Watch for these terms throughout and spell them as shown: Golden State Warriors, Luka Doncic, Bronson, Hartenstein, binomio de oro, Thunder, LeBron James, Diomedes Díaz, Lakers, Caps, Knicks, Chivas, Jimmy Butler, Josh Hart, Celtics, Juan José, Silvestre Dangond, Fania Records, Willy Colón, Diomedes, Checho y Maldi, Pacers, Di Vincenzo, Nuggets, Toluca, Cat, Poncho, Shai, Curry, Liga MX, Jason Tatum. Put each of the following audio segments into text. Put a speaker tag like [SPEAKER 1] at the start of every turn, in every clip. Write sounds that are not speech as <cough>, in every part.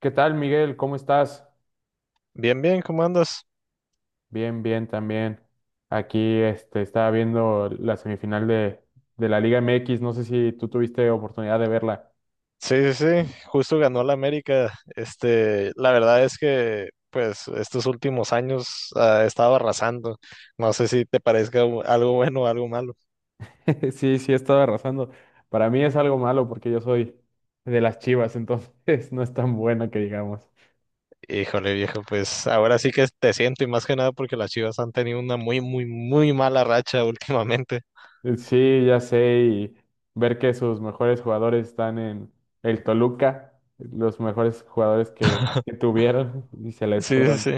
[SPEAKER 1] ¿Qué tal, Miguel? ¿Cómo estás?
[SPEAKER 2] Bien, bien, ¿cómo andas?
[SPEAKER 1] Bien, bien, también. Aquí estaba viendo la semifinal de la Liga MX. No sé si tú tuviste oportunidad de verla.
[SPEAKER 2] Sí, sí, sí, justo ganó la América. Este, la verdad es que, pues, estos últimos años ha estado arrasando. No sé si te parezca algo bueno o algo malo.
[SPEAKER 1] <laughs> Sí, sí, he estado arrasando. Para mí es algo malo porque yo soy de las Chivas, entonces <laughs> no es tan buena que digamos.
[SPEAKER 2] Híjole, viejo, pues ahora sí que te siento y más que nada porque las Chivas han tenido una muy, muy, muy mala racha <laughs> últimamente.
[SPEAKER 1] Sí, ya sé, y ver que sus mejores jugadores están en el Toluca, los mejores jugadores que tuvieron y se les
[SPEAKER 2] Sí, sí,
[SPEAKER 1] fueron.
[SPEAKER 2] sí.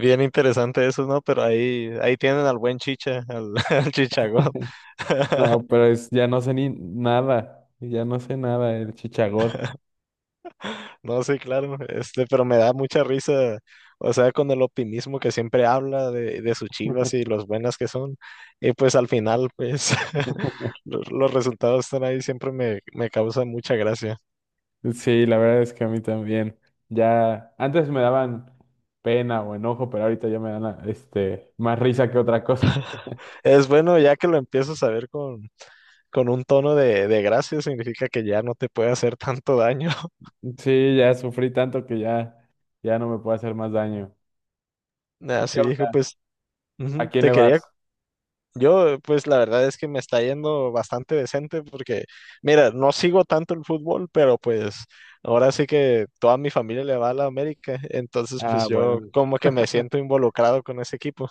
[SPEAKER 2] Bien interesante eso, ¿no? Pero ahí tienen al buen Chicha, al, <laughs> al Chichagol. <laughs>
[SPEAKER 1] No, pero es, ya no sé ni nada, ya no sé nada el chichagod.
[SPEAKER 2] No, sí, claro, pero me da mucha risa, o sea, con el optimismo que siempre habla de sus chivas y los buenas que son, y pues al final, pues, <laughs> los resultados están ahí, me causa mucha gracia.
[SPEAKER 1] Sí, la verdad es que a mí también. Ya, antes me daban pena o enojo, pero ahorita ya me dan más risa que otra cosa. <laughs>
[SPEAKER 2] Es bueno, ya que lo empiezas a ver con un tono de gracia, significa que ya no te puede hacer tanto daño. <laughs>
[SPEAKER 1] Sí, ya sufrí tanto que ya no me puede hacer más daño. ¿Tú ¿Qué
[SPEAKER 2] Así dijo,
[SPEAKER 1] onda?
[SPEAKER 2] pues,
[SPEAKER 1] ¿A
[SPEAKER 2] ujú,
[SPEAKER 1] quién
[SPEAKER 2] te
[SPEAKER 1] le
[SPEAKER 2] quería.
[SPEAKER 1] vas?
[SPEAKER 2] Yo, pues la verdad es que me está yendo bastante decente porque, mira, no sigo tanto el fútbol, pero pues ahora sí que toda mi familia le va a la América, entonces
[SPEAKER 1] Ah,
[SPEAKER 2] pues yo
[SPEAKER 1] bueno.
[SPEAKER 2] como que me siento involucrado con ese equipo,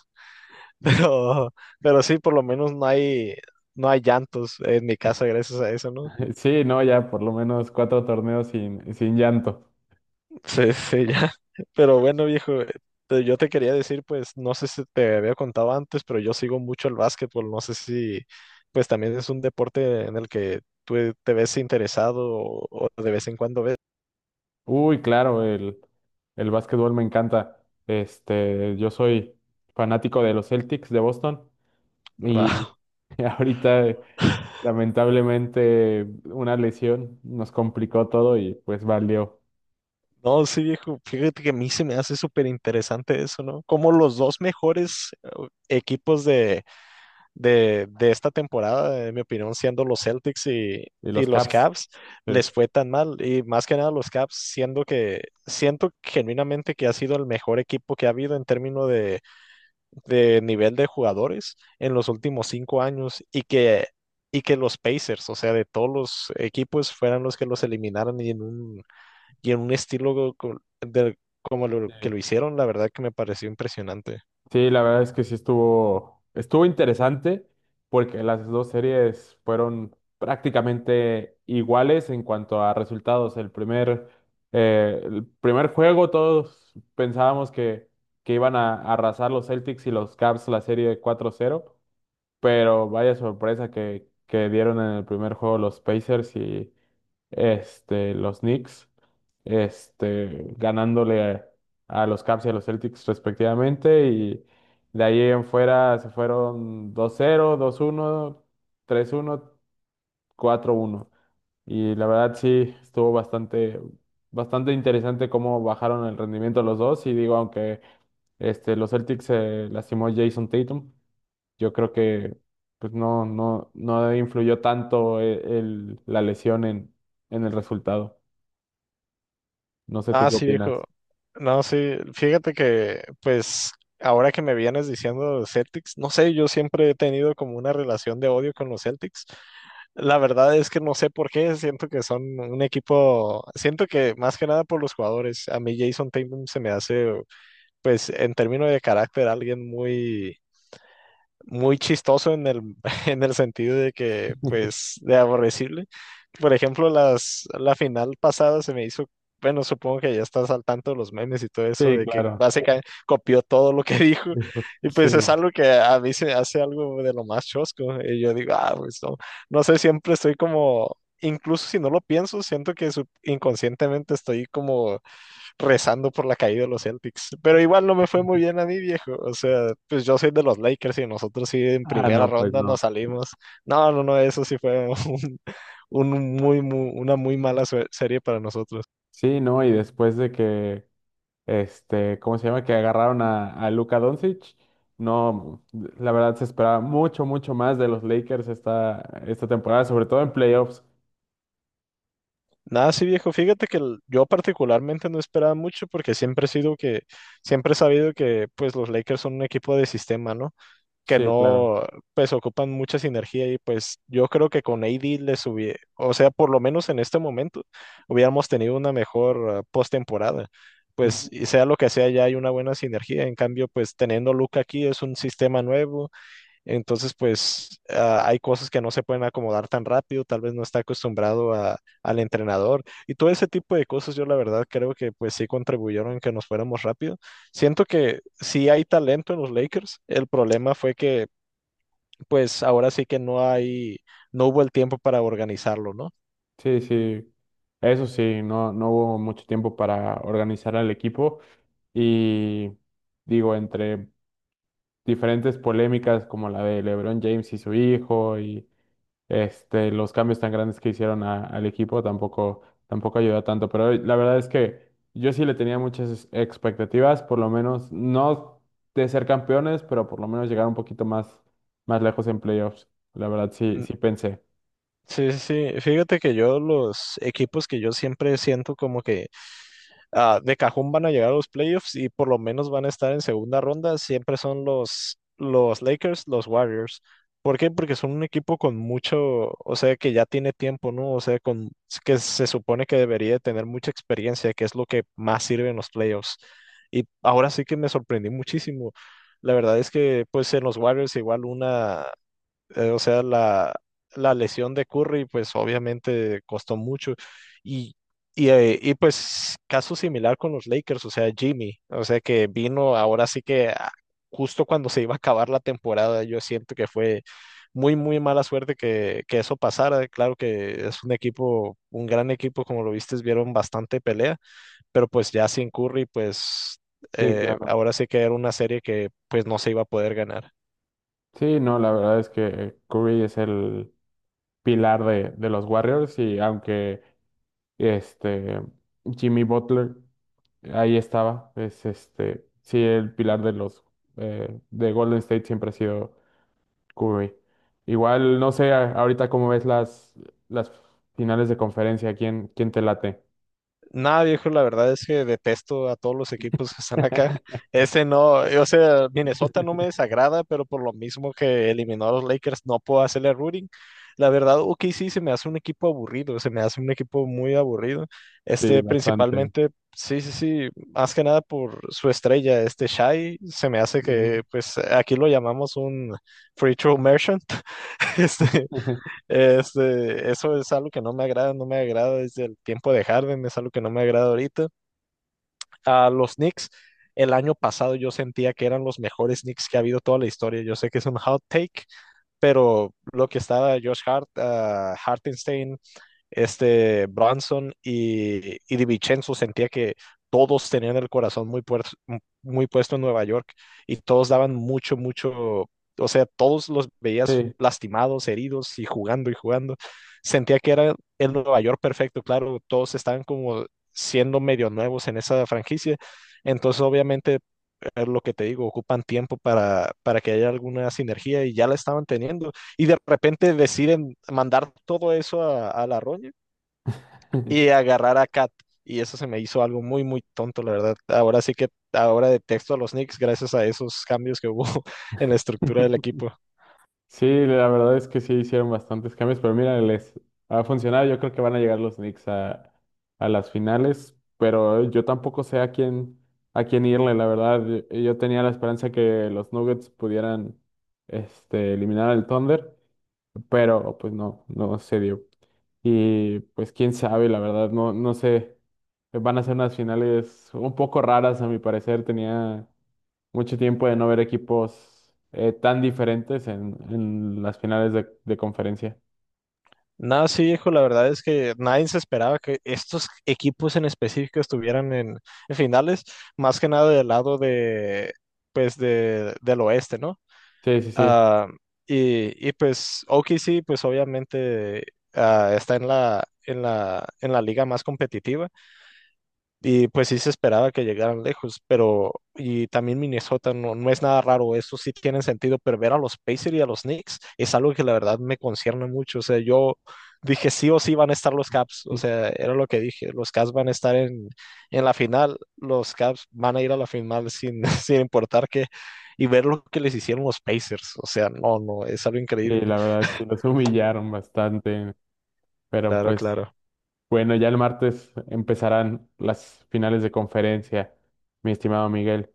[SPEAKER 2] <laughs> pero, pero sí, por lo menos no hay llantos en mi casa gracias a eso, ¿no?
[SPEAKER 1] <laughs> Sí, no, ya por lo menos cuatro torneos sin llanto.
[SPEAKER 2] Sí, sí, ya. <laughs> Pero bueno, viejo, yo te quería decir, pues, no sé si te había contado antes, pero yo sigo mucho el básquetbol. No sé si, pues, también es un deporte en el que tú te ves interesado o de vez en cuando ves. <laughs>
[SPEAKER 1] Uy, claro, el básquetbol me encanta. Yo soy fanático de los Celtics de Boston. Y
[SPEAKER 2] Wow.
[SPEAKER 1] <laughs> ahorita, lamentablemente, una lesión nos complicó todo y pues valió.
[SPEAKER 2] No, sí, viejo, fíjate que a mí se me hace súper interesante eso, ¿no? Como los dos mejores equipos de, de esta temporada, en mi opinión, siendo los Celtics
[SPEAKER 1] Y
[SPEAKER 2] y
[SPEAKER 1] los
[SPEAKER 2] los
[SPEAKER 1] Caps,
[SPEAKER 2] Cavs,
[SPEAKER 1] sí,
[SPEAKER 2] les fue tan mal. Y más que nada los Cavs, siendo que siento genuinamente que ha sido el mejor equipo que ha habido en términos de nivel de jugadores en los últimos 5 años y que los Pacers, o sea, de todos los equipos, fueran los que los eliminaran y en un estilo como lo que
[SPEAKER 1] sí.
[SPEAKER 2] lo hicieron, la verdad que me pareció impresionante.
[SPEAKER 1] Sí, la verdad es que sí estuvo interesante porque las dos series fueron prácticamente iguales en cuanto a resultados. El primer juego todos pensábamos que iban a arrasar los Celtics y los Caps la serie 4-0. Pero vaya sorpresa que dieron en el primer juego los Pacers y los Knicks, ganándole a los Caps y a los Celtics respectivamente. Y de ahí en fuera se fueron 2-0, 2-1, 3-1, 4-1. Y la verdad sí, estuvo bastante, bastante interesante cómo bajaron el rendimiento los dos. Y digo, aunque los Celtics se lastimó Jason Tatum, yo creo que pues no, no, no influyó tanto la lesión en el resultado. No sé tú
[SPEAKER 2] Ah,
[SPEAKER 1] qué
[SPEAKER 2] sí,
[SPEAKER 1] opinas.
[SPEAKER 2] viejo. No, sí, fíjate que, pues, ahora que me vienes diciendo de los Celtics, no sé, yo siempre he tenido como una relación de odio con los Celtics. La verdad es que no sé por qué, siento que son un equipo, siento que más que nada por los jugadores. A mí Jason Tatum se me hace, pues, en términos de carácter, alguien muy chistoso en el, <laughs> en el sentido de que, pues, de aborrecible. Por ejemplo, la final pasada se me hizo, bueno, supongo que ya estás al tanto de los memes y todo eso,
[SPEAKER 1] Sí,
[SPEAKER 2] de que
[SPEAKER 1] claro.
[SPEAKER 2] básicamente copió todo lo que <laughs> dijo.
[SPEAKER 1] Dijo,
[SPEAKER 2] Y pues es
[SPEAKER 1] sí.
[SPEAKER 2] algo que a mí se me hace algo de lo más chosco. Y yo digo, ah, pues no, no sé, siempre estoy como, incluso si no lo pienso, siento que inconscientemente estoy como rezando por la caída de los Celtics. Pero igual no me fue muy bien a mí, viejo. O sea, pues yo soy de los Lakers y nosotros sí en
[SPEAKER 1] Ah,
[SPEAKER 2] primera
[SPEAKER 1] no, pues
[SPEAKER 2] ronda
[SPEAKER 1] no.
[SPEAKER 2] nos salimos. No, no, no, eso sí fue <laughs> un, una muy mala serie para nosotros.
[SPEAKER 1] Sí, no, y después de que, ¿cómo se llama? Que agarraron a Luka Doncic, no, la verdad se esperaba mucho, mucho más de los Lakers esta temporada, sobre todo en playoffs.
[SPEAKER 2] Nada, sí, viejo. Fíjate que yo particularmente no esperaba mucho porque siempre he sido que, siempre he sabido que pues los Lakers son un equipo de sistema, ¿no? Que
[SPEAKER 1] Sí, claro.
[SPEAKER 2] no, pues ocupan mucha sinergia y pues yo creo que con AD les hubiera, o sea, por lo menos en este momento, hubiéramos tenido una mejor postemporada. Pues
[SPEAKER 1] Ujú.
[SPEAKER 2] y sea lo que sea, ya hay una buena sinergia. En cambio, pues teniendo Luca aquí es un sistema nuevo, entonces pues ah, hay cosas que no se pueden acomodar tan rápido, tal vez no está acostumbrado al entrenador y todo ese tipo de cosas. Yo la verdad creo que pues sí contribuyeron en que nos fuéramos rápido. Siento que sí hay talento en los Lakers, el problema fue que pues ahora sí que no hay, no hubo el tiempo para organizarlo, ¿no?
[SPEAKER 1] Sí, sí. Eso sí, no, no hubo mucho tiempo para organizar al equipo. Y digo, entre diferentes polémicas como la de LeBron James y su hijo y los cambios tan grandes que hicieron al equipo tampoco, tampoco ayudó tanto. Pero la verdad es que yo sí le tenía muchas expectativas, por lo menos no de ser campeones, pero por lo menos llegar un poquito más, más lejos en playoffs. La verdad sí,
[SPEAKER 2] Mm,
[SPEAKER 1] sí pensé.
[SPEAKER 2] Sí, sí, sí. Fíjate que yo los equipos que yo siempre siento como que ah, de cajón van a llegar a los playoffs y por lo menos van a estar en segunda ronda, siempre son los Lakers, los Warriors. ¿Por qué? Porque son un equipo con mucho, o sea, que ya tiene tiempo, ¿no? O sea, con, que se supone que debería de tener mucha experiencia, que es lo que más sirve en los playoffs. Y ahora sí que me sorprendí muchísimo. La verdad es que, pues, en los Warriors igual una, o sea, la lesión de Curry, pues obviamente costó mucho. Y, y pues caso similar con los Lakers, o sea, Jimmy, o sea, que vino ahora sí que ah, justo cuando se iba a acabar la temporada, yo siento que fue muy, muy mala suerte que eso pasara. Claro que es un equipo, un gran equipo, como lo viste, vieron bastante pelea, pero pues ya sin Curry, pues
[SPEAKER 1] Sí, claro.
[SPEAKER 2] ahora sí que era una serie que pues no se iba a poder ganar.
[SPEAKER 1] Sí, no, la verdad es que Curry es el pilar de los Warriors y aunque Este, Jimmy Butler, ahí estaba. Es sí, el pilar de Golden State siempre ha sido Curry. Igual, no sé, ahorita cómo ves las finales de conferencia, ¿quién te late?
[SPEAKER 2] Nada, viejo, la verdad es que detesto a todos los equipos que están acá.
[SPEAKER 1] <laughs>
[SPEAKER 2] <laughs> Ese no, o sea, Minnesota no me desagrada, pero por lo mismo que eliminó a los Lakers, no puedo hacerle rooting. La verdad, o OKC se me hace un equipo aburrido, se me hace un equipo muy aburrido.
[SPEAKER 1] Sí,
[SPEAKER 2] Este,
[SPEAKER 1] bastante.
[SPEAKER 2] principalmente, sí, sí, sí, más que nada por su estrella, este Shai, se me hace que,
[SPEAKER 1] Ujú.
[SPEAKER 2] pues, aquí lo llamamos un free throw merchant. <laughs> Este,
[SPEAKER 1] <laughs>
[SPEAKER 2] eso es algo que no me agrada, no me agrada desde el tiempo de Harden, es algo que no me agrada ahorita. A los Knicks, el año pasado yo sentía que eran los mejores Knicks que ha habido toda la historia. Yo sé que es un hot take, pero lo que estaba Josh Hart, ah, Hartenstein, este Bronson y Di Vincenzo, sentía que todos tenían el corazón muy puesto en Nueva York y todos daban mucho, mucho, o sea, todos los veías
[SPEAKER 1] Sí.
[SPEAKER 2] lastimados, heridos y jugando y jugando. Sentía que era el Nueva York perfecto, claro, todos estaban como siendo medio nuevos en esa franquicia. Entonces, obviamente, es lo que te digo, ocupan tiempo para que haya alguna sinergia y ya la estaban teniendo. Y de repente deciden mandar todo eso a la roña
[SPEAKER 1] <laughs>
[SPEAKER 2] y agarrar a Cat. Y eso se me hizo algo muy, muy tonto, la verdad. Ahora sí que ahora detesto a los Knicks gracias a esos cambios que hubo <laughs> en la estructura del equipo.
[SPEAKER 1] Sí, la verdad es que sí hicieron bastantes cambios, pero mira, les ha funcionado. Yo creo que van a llegar los Knicks a las finales, pero yo tampoco sé a quién irle, la verdad. Yo tenía la esperanza que los Nuggets pudieran eliminar al Thunder, pero pues no, no se dio. Y pues quién sabe, la verdad, no, no sé. Van a ser unas finales un poco raras, a mi parecer. Tenía mucho tiempo de no ver equipos tan diferentes en las finales de conferencia.
[SPEAKER 2] No, sí, hijo, la verdad es que nadie se esperaba que estos equipos en específico estuvieran en finales, más que nada del lado de, pues, de, del oeste, ¿no?
[SPEAKER 1] Sí, sí, sí.
[SPEAKER 2] Ah, y pues OKC, pues obviamente ah, está en la, en la, en la liga más competitiva. Y pues sí se esperaba que llegaran lejos, pero y también Minnesota no, no es nada raro, eso sí tiene sentido, pero ver a los Pacers y a los Knicks es algo que la verdad me concierne mucho, o sea, yo dije sí o sí van a estar los Caps, o sea, era lo que dije, los Caps van a estar en la final, los Caps van a ir a la final sin, <laughs> sin importar qué, y ver lo que les hicieron los Pacers, o sea, no, no, es algo
[SPEAKER 1] Sí,
[SPEAKER 2] increíble,
[SPEAKER 1] la verdad, sí, los humillaron bastante. Pero
[SPEAKER 2] claro,
[SPEAKER 1] pues,
[SPEAKER 2] claro,
[SPEAKER 1] bueno, ya el martes empezarán las finales de conferencia, mi estimado Miguel.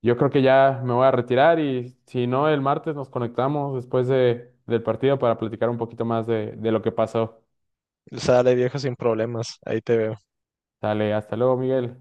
[SPEAKER 1] Yo creo que ya me voy a retirar y si no, el martes nos conectamos después del partido para platicar un poquito más de lo que pasó.
[SPEAKER 2] sale viejo sin problemas, ahí te veo.
[SPEAKER 1] Dale, hasta luego, Miguel.